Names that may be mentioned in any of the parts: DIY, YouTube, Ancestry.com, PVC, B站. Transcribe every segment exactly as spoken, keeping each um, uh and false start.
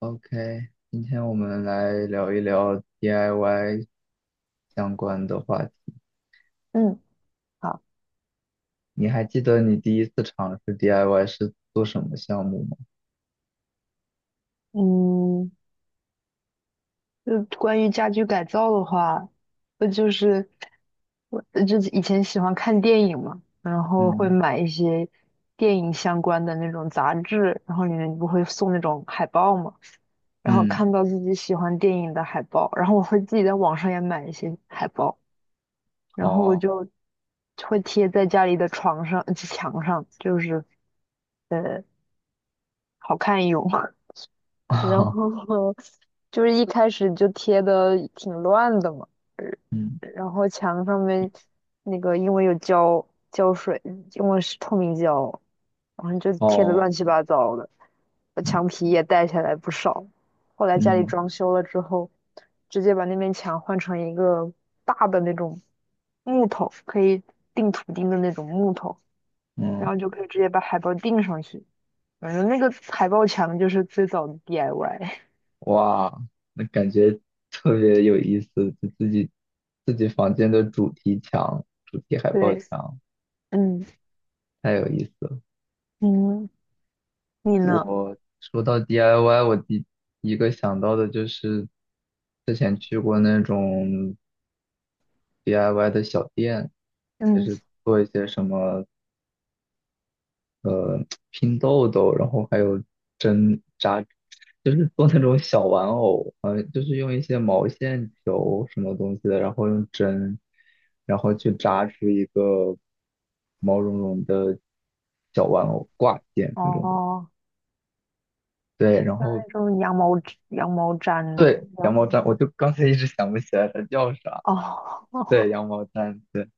OK，今天我们来聊一聊 D I Y 相关的话题。嗯，好，你还记得你第一次尝试 D I Y 是做什么项目吗？嗯，就关于家居改造的话，呃，就是我就以前喜欢看电影嘛，然后会嗯买一些电影相关的那种杂志，然后里面不会送那种海报嘛，然后嗯，看到自己喜欢电影的海报，然后我会自己在网上也买一些海报，然后我好，就会贴在家里的床上、呃墙上，就是呃，好看一用。然 后就是一开始就贴的挺乱的嘛，呃嗯然后墙上面那个因为有胶胶水，因为是透明胶，然后就贴的哦，乱七八糟的，呃墙皮也带下来不少。后来家里嗯装修了之后，直接把那面墙换成一个大的那种木头，可以钉图钉的那种木头，然嗯，后就可以直接把海报钉上去。反正那个海报墙就是最早的 D I Y。哇，那感觉特别有意思，就自己自己房间的主题墙、主题海报对，墙，嗯太有意思了。嗯，你呢？我说到 D I Y，我第一个想到的就是之前去过那种 D I Y 的小店，就嗯，是做一些什么呃拼豆豆，然后还有针扎，就是做那种小玩偶，呃，就是用一些毛线球什么东西的，然后用针，然后去扎出一个毛茸茸的小玩偶挂件那种的。哦，对，然像后那种羊毛羊毛毡，对，然羊毛后毡，我就刚才一直想不起来它叫啥。哦，对，羊毛毡，对，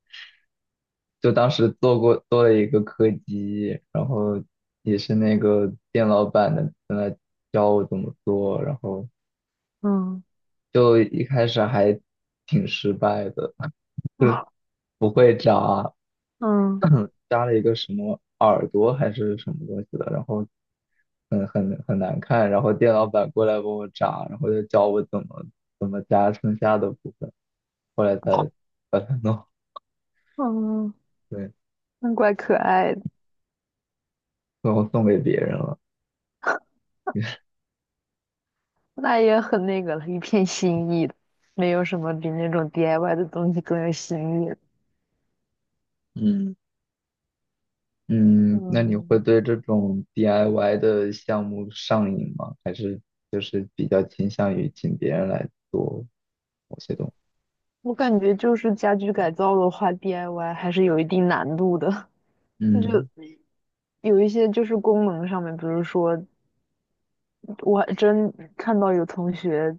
就当时做过做了一个柯基，然后也是那个店老板的在那教我怎么做，然后嗯就一开始还挺失败的，就不会扎，嗯 扎了一个什么耳朵还是什么东西的，然后很很很难看，然后店老板过来帮我扎，然后就教我怎么怎么扎剩下的部分。后来才把它弄嗯，对，那怪可爱的，最后送给别人了。那也很那个了，一片心意的，没有什么比那种 D I Y 的东西更有新意的。嗯，嗯，那你会嗯，对这种 D I Y 的项目上瘾吗？还是就是比较倾向于请别人来做某些东西？我感觉就是家居改造的话，D I Y 还是有一定难度的，就嗯，有一些就是功能上面，比如说。我还真看到有同学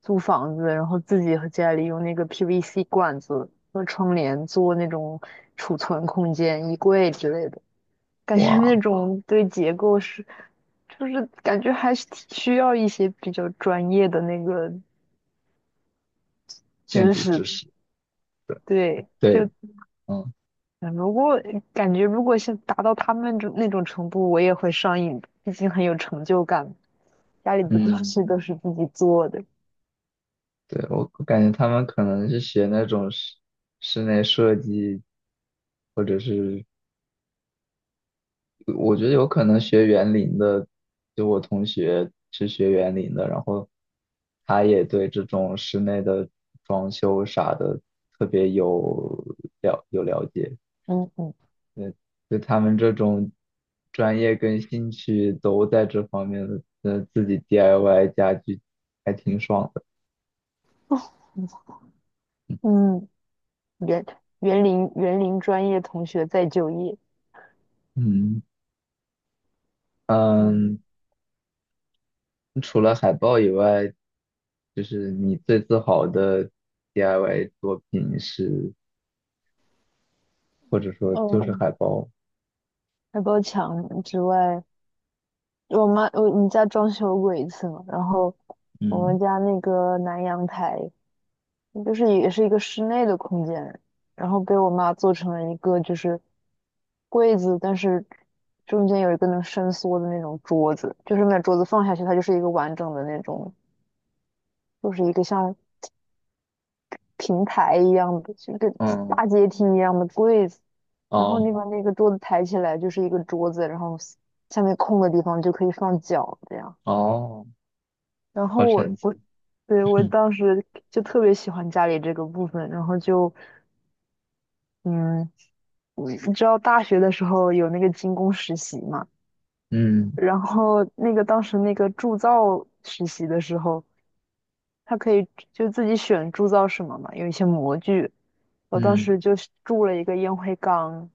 租房子，然后自己和家里用那个 P V C 管子和窗帘做那种储存空间、衣柜之类的，感觉那哇，种对结构是，就是感觉还是挺需要一些比较专业的那个建知筑知识。识，对，就对，嗯嗯如果感觉如果是达到他们这那种程度，我也会上瘾的毕竟很有成就感。家里的东嗯，西都是自己做的，对，我我感觉他们可能是学那种室室内设计，或者是我觉得有可能学园林的，就我同学是学园林的，然后他也对这种室内的装修啥的特别有了有了解，嗯嗯。就他们这种专业跟兴趣都在这方面的，呃，自己 D I Y 家具还挺爽的。嗯，园园林园林专业同学再就业。嗯嗯，嗯，除了海报以外，就是你最自豪的 D I Y 作品是，或者说就是哦，海报。外包墙之外，我妈我我们家装修过一次嘛，然后我嗯，们家那个南阳台就是也是一个室内的空间，然后被我妈做成了一个就是柜子，但是中间有一个能伸缩的那种桌子，就是那桌子放下去它就是一个完整的那种，就是一个像平台一样的，就跟哦大阶梯一样的柜子，然后哦，你把那个桌子抬起来就是一个桌子，然后下面空的地方就可以放脚这样。哦，然好后我神奇，我对我 当时就特别喜欢家里这个部分，然后就嗯，你知道大学的时候有那个精工实习嘛，嗯然后那个当时那个铸造实习的时候，他可以就自己选铸造什么嘛，有一些模具。我当嗯，时就是铸了一个烟灰缸，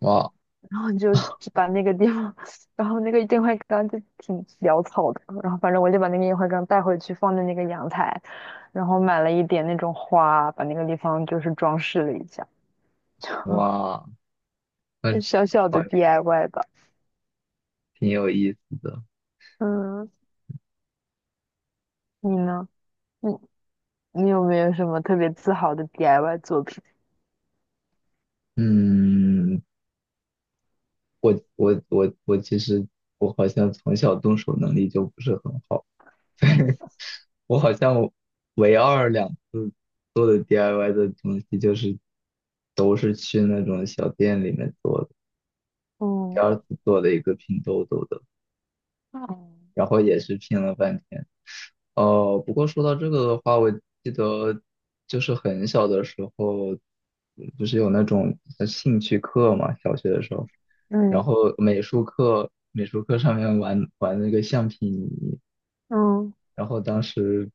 哇然后你就去把那个地方，然后那个电话缸就挺潦草的，然后反正我就把那个电饭缸带回去放在那个阳台，然后买了一点那种花，把那个地方就是装饰了一下，哇，就很小小好，的 D I Y 吧。挺有意思的。嗯，你呢？你你有没有什么特别自豪的 D I Y 作品？嗯，我我我我其实我好像从小动手能力就不是很好，对，我好像唯二两次做的 D I Y 的东西就是都是去那种小店里面做的，第嗯二次做了一个拼豆豆的，嗯然后也是拼了半天。呃，不过说到这个的话，我记得就是很小的时候，不是有那种呃兴趣课嘛，小学的时候，然嗯后美术课，美术课上面玩玩那个橡皮泥，嗯然后当时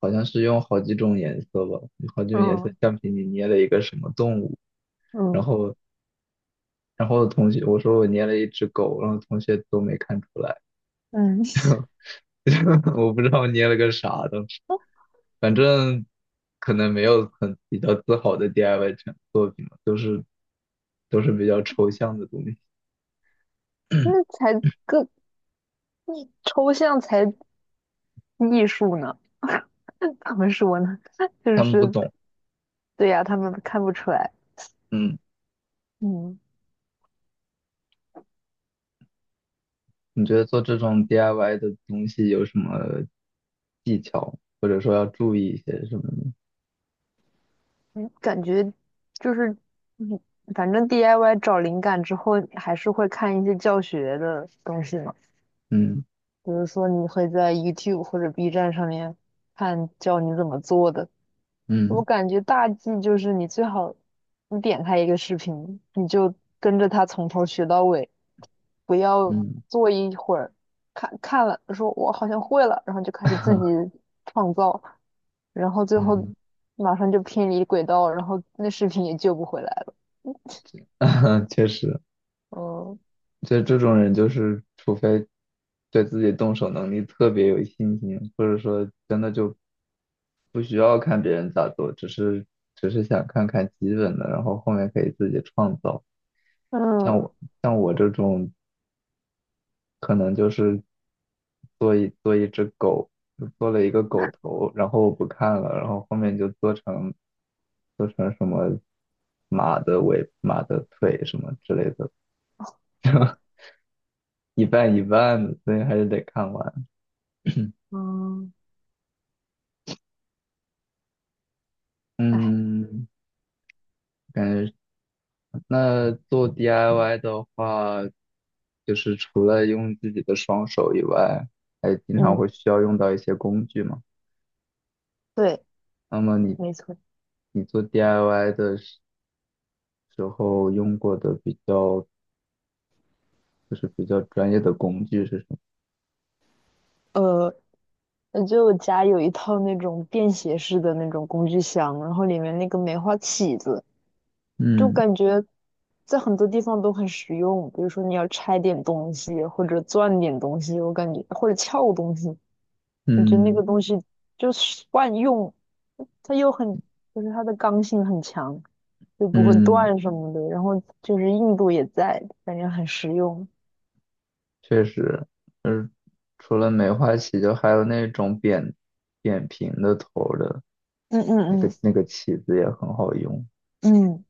好像是用好几种颜色吧，好几种颜色嗯橡皮泥捏了一个什么动物，然嗯后然后同学我说我捏了一只狗，然后同学都没看出来，嗯，我不知道我捏了个啥 反正可能没有很比较自豪的 D I Y 成作品了，都是都是比较抽象的东西，那才更抽象才艺术呢。他们说呢，就他们不是懂。对呀、他们看不出来。嗯，嗯，你觉得做这种 D I Y 的东西有什么技巧，或者说要注意一些什么呢？嗯感觉就是，嗯反正 D I Y 找灵感之后，还是会看一些教学的东西嘛。嗯比如说，你会在 YouTube 或者 B 站上面看教你怎么做的，我嗯感觉大忌就是你最好，你点开一个视频，你就跟着他从头学到尾，不要嗯 坐一会儿，看看了说我好像会了，然后就开始自己 创造，然后最后嗯，马上就偏离轨道，然后那视频也救不回来了。确实。嗯就这种人，就是除非对自己动手能力特别有信心，或者说真的就不需要看别人咋做，只是只是想看看基本的，然后后面可以自己创造。像嗯我像我这种，可能就是做一做一只狗，就做了一个狗头，然后我不看了，然后后面就做成做成什么马的尾、马的腿什么之类的，一半一半的，所以还是得看完。嗯，哎，嗯，感觉那做 D I Y 的话，就是除了用自己的双手以外，还经常嗯，会需要用到一些工具嘛。对，那么你没错。你做 D I Y 的时时候用过的比较就是比较专业的工具是什么？呃，就我家有一套那种便携式的那种工具箱，然后里面那个梅花起子。就嗯感觉在很多地方都很实用，比如说你要拆点东西，或者钻点东西，我感觉或者撬东西，我觉得那嗯个东西就是万用，它又很就是它的刚性很强，就不会嗯，断什么的，然后就是硬度也在，感觉很实用。确实，就是除了梅花起，就还有那种扁扁平的头儿的嗯那嗯个嗯那个起子也很好用。嗯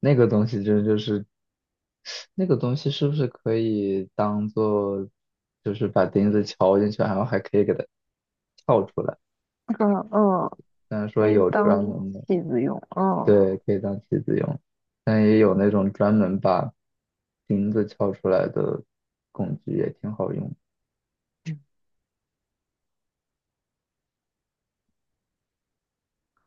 那个东西真就是那个东西是不是可以当做，就是把钉子敲进去，然后还可以给它撬出来？嗯嗯，虽然说可以有当专嗯，门的，器子用，嗯。对，可以当棋子用，但也有那种专门把钉子撬出来的工具，也挺好用。